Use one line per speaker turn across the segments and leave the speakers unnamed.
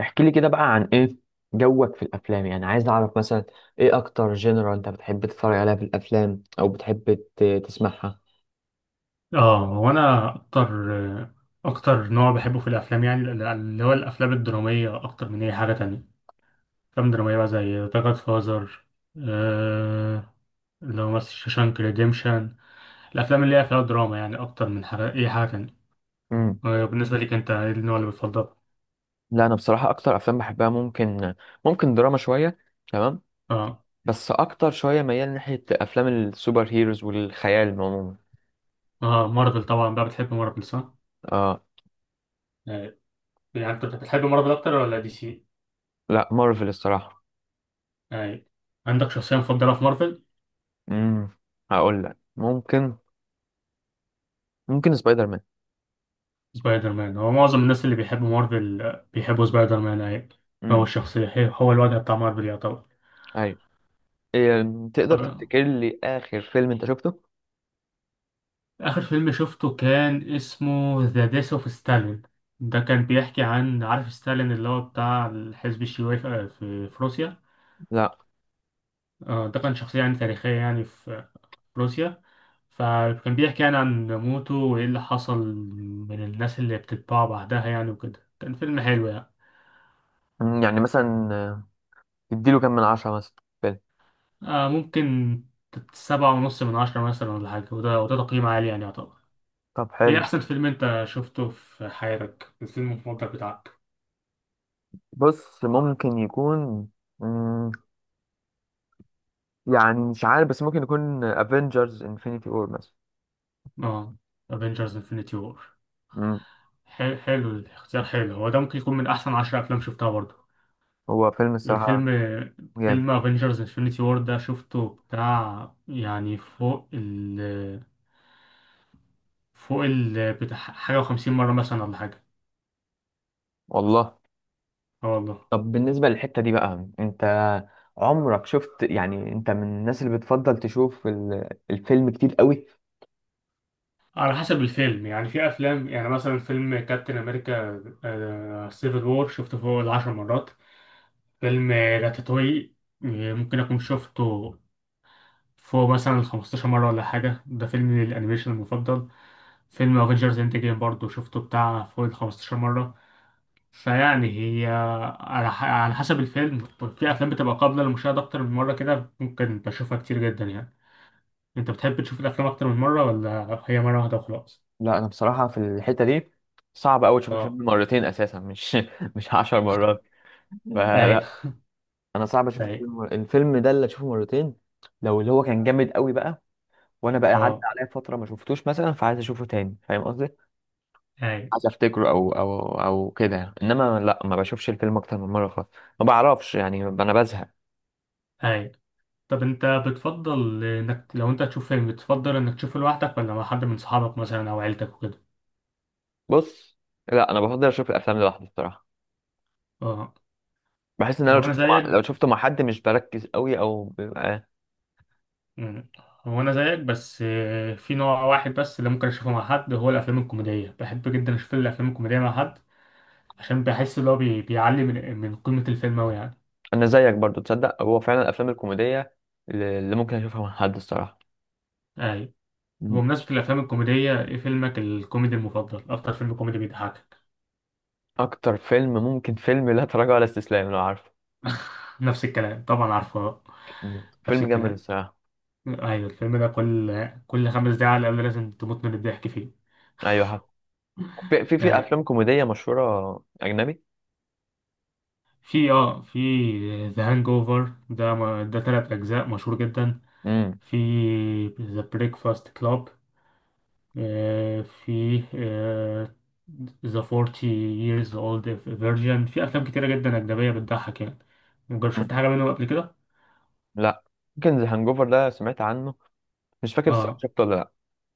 احكي لي كده بقى عن ايه جوك في الافلام، يعني عايز اعرف مثلا ايه اكتر جنرال انت بتحب تتفرج عليها في الافلام، او بتحب تسمعها؟
اه، هو انا اكتر نوع بحبه في الافلام، يعني اللي هو الافلام الدراميه اكتر من اي حاجه تانية. افلام دراميه بقى زي ذا جاد فازر. آه، اللي هو مثلا شوشانك ريديمشن. الافلام اللي هي فيها دراما، يعني اكتر من اي حاجه تانية.
امم
آه، بالنسبه ليك انت، ايه النوع اللي بتفضله؟
لا، انا بصراحه اكتر افلام بحبها ممكن دراما شويه، تمام.
اه،
بس اكتر شويه ميال ناحيه افلام السوبر هيروز والخيال عموما.
اه، مارفل طبعا بقى. بتحب مارفل صح؟
اه،
آه. يعني انت بتحب مارفل اكتر ولا دي سي؟
لا مارفل الصراحه.
آه. عندك شخصيه مفضله في مارفل؟
امم هقول لك ممكن سبايدر مان.
سبايدر مان، هو معظم الناس اللي بيحبوا مارفل بيحبوا سبايدر مان، أيوة. هو
امم
الشخصية هو الواجهة بتاع مارفل يعتبر.
ايوه. إيه، تقدر
طب،
تفتكر لي اخر فيلم انت شفته؟
آخر فيلم شفته كان اسمه ذا ديث اوف ستالين. ده كان بيحكي عن، عارف، ستالين اللي هو بتاع الحزب الشيوعي في روسيا.
لا،
آه، ده كان شخصية يعني تاريخية، يعني في روسيا. فكان بيحكي يعني عن موته وإيه اللي حصل من الناس اللي بتتباع بعدها، يعني وكده كان فيلم حلو يعني.
يعني مثلا اديله كام من 10 مثلا، فيلم؟
آه، ممكن 7.5/10 مثلا ولا حاجة، وده تقييم عالي يعني يعتبر.
طب
ايه
حلو.
أحسن فيلم أنت شفته في حياتك، الفيلم المفضل بتاعك؟
بص ممكن يكون، مم، يعني مش عارف، بس ممكن يكون افنجرز انفينيتي وور مثلا.
اه، افنجرز انفنتي وور.
مم،
حلو الاختيار، حلو، هو ده ممكن يكون من أحسن 10 أفلام شفتها برضه.
هو فيلم الصراحة
الفيلم
جامد،
فيلم افنجرز انفنتي وور ده شفته بتاع يعني فوق ال بتاع حاجة وخمسين مرة مثلا ولا حاجة.
والله.
اه، والله.
طب بالنسبة للحتة دي بقى، انت عمرك شفت، يعني انت من الناس اللي بتفضل تشوف الفيلم كتير قوي؟
على حسب الفيلم يعني، في افلام يعني، مثلا فيلم كابتن امريكا سيفل وور شفته فوق العشر مرات. فيلم راتاتوي ممكن اكون شفته فوق مثلا الخمستاشر مرة ولا حاجة، ده فيلم الانيميشن المفضل. فيلم افنجرز انت جيم برضه شفته بتاع فوق الخمستاشر مرة. فيعني، هي، على حسب الفيلم، في افلام بتبقى قابلة للمشاهدة اكتر من مرة كده، ممكن بشوفها كتير جدا يعني. انت بتحب تشوف الافلام اكتر من مرة ولا هي مرة واحدة وخلاص؟
لا، انا بصراحة في الحتة دي صعب قوي اشوف الفيلم
اه،
مرتين اساسا، مش مش 10 مرات.
ايوه،
فلا، انا صعب اشوف
أيوه.
الفيلم، ده اللي اشوفه مرتين. لو اللي هو كان جامد قوي بقى، وانا بقى عدى
اه،
عليا فتره ما شفتوش مثلا، فعايز اشوفه تاني، فاهم قصدي؟
اي،
عايز افتكره، او كده يعني. انما لا، ما بشوفش الفيلم اكتر من مره خالص، ما بعرفش يعني، انا بزهق.
اي، طب انت، بتفضل انك لو انت تشوف فيلم، بتفضل انك تشوفه لوحدك ولا مع حد من صحابك مثلا او عيلتك وكده؟
بص، لا انا بفضل اشوف الافلام لوحدي الصراحه.
اه،
بحس ان انا
هو انا زيك.
لو شفته مع حد مش بركز قوي او بيبقى.
مم. هو انا زيك، بس في نوع واحد بس اللي ممكن اشوفه مع حد، هو الافلام الكوميديه. بحب جدا اشوف الافلام الكوميديه مع حد، عشان بحس ان هو بيعلي من قيمه الفيلم اوي يعني.
انا زيك برضو، تصدق هو فعلا الافلام الكوميديه اللي ممكن اشوفها مع حد الصراحه.
اي،
م-
بمناسبه الافلام الكوميديه، ايه فيلمك الكوميدي المفضل، اكتر فيلم كوميدي بيضحكك؟
اكتر فيلم ممكن فيلم لا تراجع ولا استسلام، لو عارفه.
نفس الكلام طبعا، عارفه، آه. نفس
فيلم جامد
الكلام،
الصراحه.
ايوه. الفيلم ده كل 5 دقايق على الأقل لازم تموت من الضحك فيه.
ايوه حق. في
يعني
افلام كوميديه مشهوره اجنبي؟
في ذا هانج اوفر ده تلات أجزاء مشهور جدا.
امم
في ذا بريكفاست كلاب. في ذا 40 years old virgin. في أفلام كتيرة جدا أجنبية بتضحك يعني. مجرد شفت حاجة منهم قبل كده؟
لا، يمكن ذا هانجوفر ده سمعت عنه، مش فاكر الصراحه
اه،
شفته ولا لا.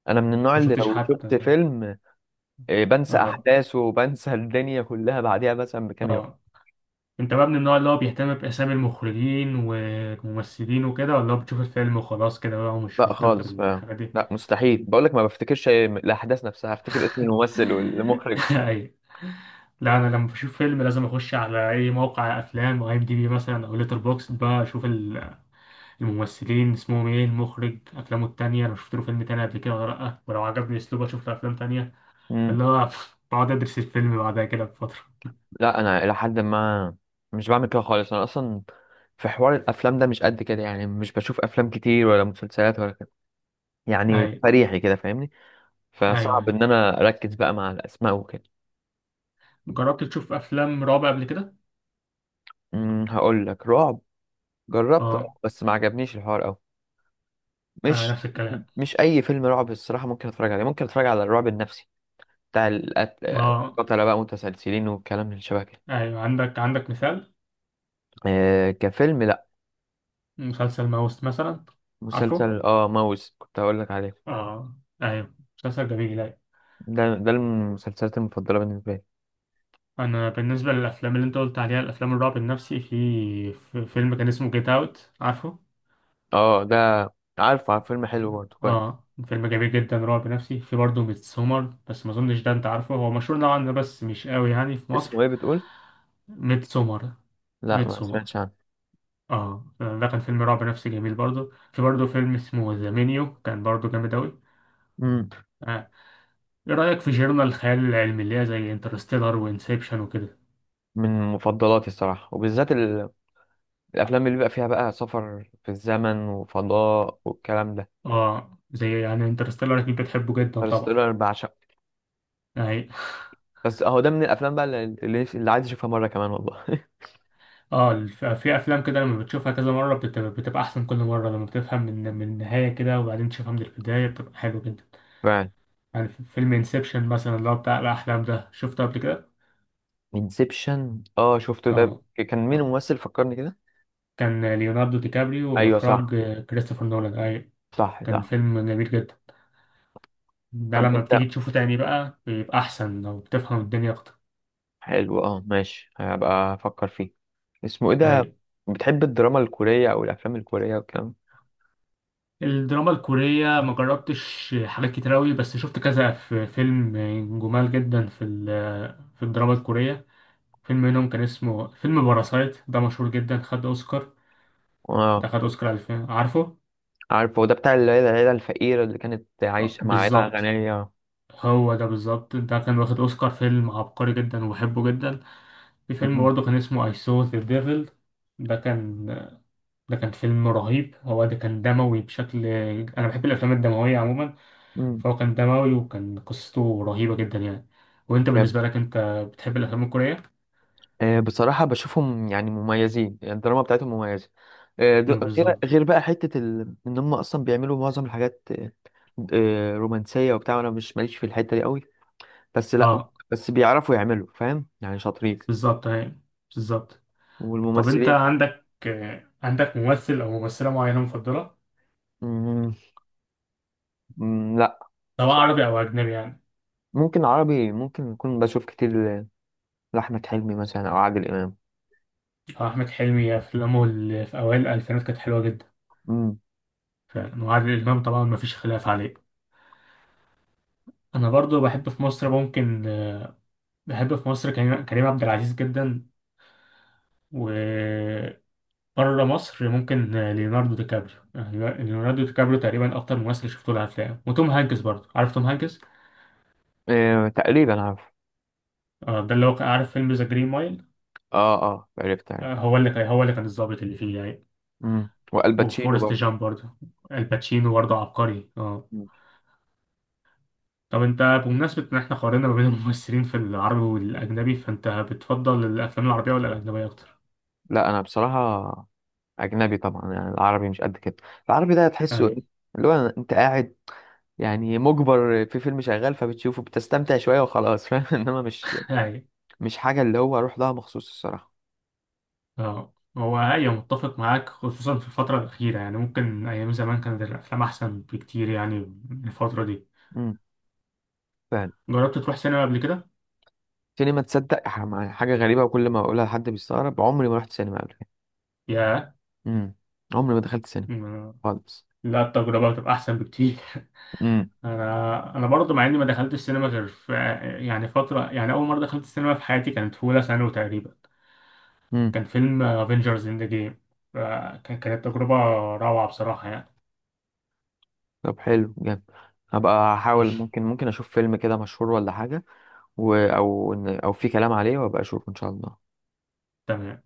انا من النوع
ما
اللي
شفتش
لو شفت
حتى.
فيلم بنسى
اه،
احداثه، وبنسى الدنيا كلها بعديها مثلا بكام يوم.
اه، انت بقى من النوع اللي هو بيهتم باسامي المخرجين والممثلين وكده، ولا هو بتشوف الفيلم وخلاص كده بقى ومش
لا
مهتم
خالص،
بالحاجه دي؟
لا مستحيل، بقول لك ما بفتكرش الاحداث نفسها، افتكر اسم الممثل والمخرج.
اي، لا انا لما بشوف فيلم لازم اخش على اي موقع افلام او ام دي بي مثلا او ليتر بوكس بقى، اشوف الممثلين اسمهم ايه، المخرج افلامه التانية، لو شفت له فيلم تاني قبل كده ولا لا، ولو عجبني اسلوبه اشوف له افلام تانية.
امم
اللي هو بقعد ادرس الفيلم بعدها كده بفتره.
لا، انا الى حد ما مش بعمل كده خالص، انا اصلا في حوار الافلام ده مش قد كده، يعني مش بشوف افلام كتير ولا مسلسلات ولا كده، يعني
اي،
فريحي كده، فاهمني،
ايوه،
فصعب
ايوه،
ان انا اركز بقى مع الاسماء وكده.
جربت تشوف افلام رعب قبل كده؟
هقول لك، رعب. جربت،
اه،
بس ما عجبنيش الحوار قوي.
آه،
مش
نفس الكلام.
مش اي فيلم رعب الصراحه ممكن اتفرج عليه، ممكن اتفرج على الرعب النفسي، بتاع القتل،
اه،
قتله بقى متسلسلين، والكلام اللي شبه كده.
ايوه، عندك مثال؟
آه، كفيلم لا.
مسلسل ماوس مثلا؟ عارفه؟
مسلسل ماوس كنت هقول لك عليه.
اه، ايوه، مسلسل جميل، ايوه.
ده المسلسلات المفضله بالنسبه لي.
انا بالنسبه للافلام اللي انت قلت عليها، الافلام الرعب النفسي، في فيلم كان اسمه جيت اوت، عارفه؟
اه ده، عارف، فيلم حلو برضه كويس.
اه، فيلم جميل جدا، رعب نفسي. في برضه ميت سومر، بس ما اظنش ده انت عارفه، هو مشهور نوعا ما بس مش قوي يعني في مصر.
اسمه ايه بتقول؟
ميت سومر.
لا،
ميت
ما
سومر.
سمعتش عنه.
اه، ده كان فيلم رعب نفسي جميل برضه. في برضه فيلم اسمه ذا مينيو كان برضه جامد اوي.
مم.
آه، ايه رأيك في جيرنا الخيال العلمي اللي هي زي انترستيلر وانسبشن وكده؟
من مفضلاتي الصراحه، وبالذات الافلام اللي بيبقى فيها بقى سفر في الزمن وفضاء والكلام ده.
اه، زي يعني انترستيلر، اكيد بتحبه جدا طبعا
انترستيلر بعشق.
يعني.
بس اهو ده من الافلام بقى اللي عايز اشوفها مره كمان، والله
اه، في افلام كده لما بتشوفها كذا مرة بتبقى احسن، كل مرة لما بتفهم من النهاية كده وبعدين تشوفها من البداية، بتبقى حلو جدا.
فعلا.
يعني في فيلم انسبشن مثلا اللي هو بتاع الاحلام ده، شفته قبل كده؟
انسبشن، شفته، ده
اه،
كان مين
اه،
الممثل؟ فكرني كده.
كان ليوناردو دي كابريو
ايوه، صح،
واخراج كريستوفر نولان، اي.
صح،
كان
صح.
فيلم جميل جدا، ده
طب
لما بتيجي
انت،
تشوفه تاني بقى بيبقى احسن لو بتفهم الدنيا اكتر.
حلو، ماشي، هبقى افكر فيه. اسمه ايه ده؟
أي.
بتحب الدراما الكوريه او الافلام الكوريه والكلام؟
الدراما الكورية ما جربتش حاجات كتير أوي، بس شفت كذا في فيلم جمال جدا في الدراما الكورية. فيلم منهم كان اسمه فيلم باراسايت، ده مشهور جدا خد أوسكار.
اه،
ده خد أوسكار 2000، عارفه؟
عارف هو ده بتاع العيله، الفقيره اللي كانت
آه،
عايشه مع عيله
بالظبط.
غنيه.
هو ده بالظبط، ده كان واخد أوسكار، فيلم عبقري جدا وبحبه جدا. في فيلم برضه كان اسمه I Saw the Devil. ده كان ده كان فيلم رهيب، هو ده كان دموي بشكل. أنا بحب الأفلام الدموية عموما.
مم. مم.
فهو كان دموي وكان قصته رهيبة جدا يعني. وانت بالنسبة لك انت، بتحب الافلام الكورية؟
آه، بصراحة بشوفهم يعني مميزين، يعني الدراما بتاعتهم مميزة. آه، د-
مم، بالظبط.
غير بقى حتة إن هم أصلا بيعملوا معظم الحاجات، رومانسية وبتاع، أنا مش ماليش في الحتة دي قوي، بس لأ.
اه،
بس بيعرفوا يعملوا، فاهم يعني، شاطرين
بالظبط، تمام، بالظبط. طب انت،
والممثلين.
عندك ممثل او ممثلة معينة مفضلة؟
مم، مم، لأ
سواء
بصراحة.
عربي او اجنبي يعني.
ممكن عربي، ممكن أكون بشوف كتير لأحمد حلمي مثلا، أو عادل إمام.
آه، احمد حلمي افلامه اللي في اوائل الالفينات كانت حلوة جدا،
مم.
فعلا. وعادل امام طبعا مفيش خلاف عليه. انا برضو بحب في مصر كريم عبد العزيز جدا. و بره مصر ممكن ليوناردو دي كابريو. ليوناردو دي كابريو تقريبا اكتر ممثل شفته له افلام. وتوم هانكس برضه، عارف توم هانكس؟
آه، تقريبا عارف.
آه، ده اللي هو عارف فيلم ذا جرين مايل؟
اه، اه، عرفت، عرفت.
آه، هو اللي كان الضابط اللي فيه يعني.
مم. والباتشينو
وفورست
برضه.
جامب برضه. الباتشينو برضه عبقري، اه.
مم.
طب انت، بمناسبة ان احنا قارنا ما بين الممثلين في العربي والاجنبي، فانت بتفضل الافلام العربية ولا الاجنبية اكتر؟
لأ، أنا بصراحة اجنبي طبعا، يعني العربي مش قد كده. العربي ده تحسه
اي،
إيه؟ اللي هو انت قاعد، يعني مجبر في فيلم شغال فبتشوفه، بتستمتع شويه وخلاص، فاهم انما
اي،
مش حاجه اللي هو اروح لها مخصوص الصراحه.
اه. هو، ايوه متفق معاك، خصوصا في الفترة الأخيرة يعني، ممكن أيام زمان كانت الأفلام أحسن بكتير يعني من الفترة دي.
امم فعلا.
جربت تروح سينما قبل كده؟
سينما، تصدق حاجه غريبه، وكل ما اقولها لحد بيستغرب، عمري ما رحت سينما قبل كده.
ياه.
امم عمري ما دخلت سينما
م-
خالص.
لا، التجربة بتبقى أحسن بكتير
امم
أنا برضه مع إني ما دخلتش السينما غير في، يعني فترة، يعني أول مرة دخلت السينما في حياتي كانت في أولى ثانوي تقريبا.
امم
كان فيلم افنجرز إند جيم. كانت تجربة روعة بصراحة يعني.
طب حلو جامد، هبقى احاول،
مش
ممكن اشوف فيلم كده مشهور ولا حاجه، او في كلام عليه، وابقى اشوف ان شاء الله.
تمام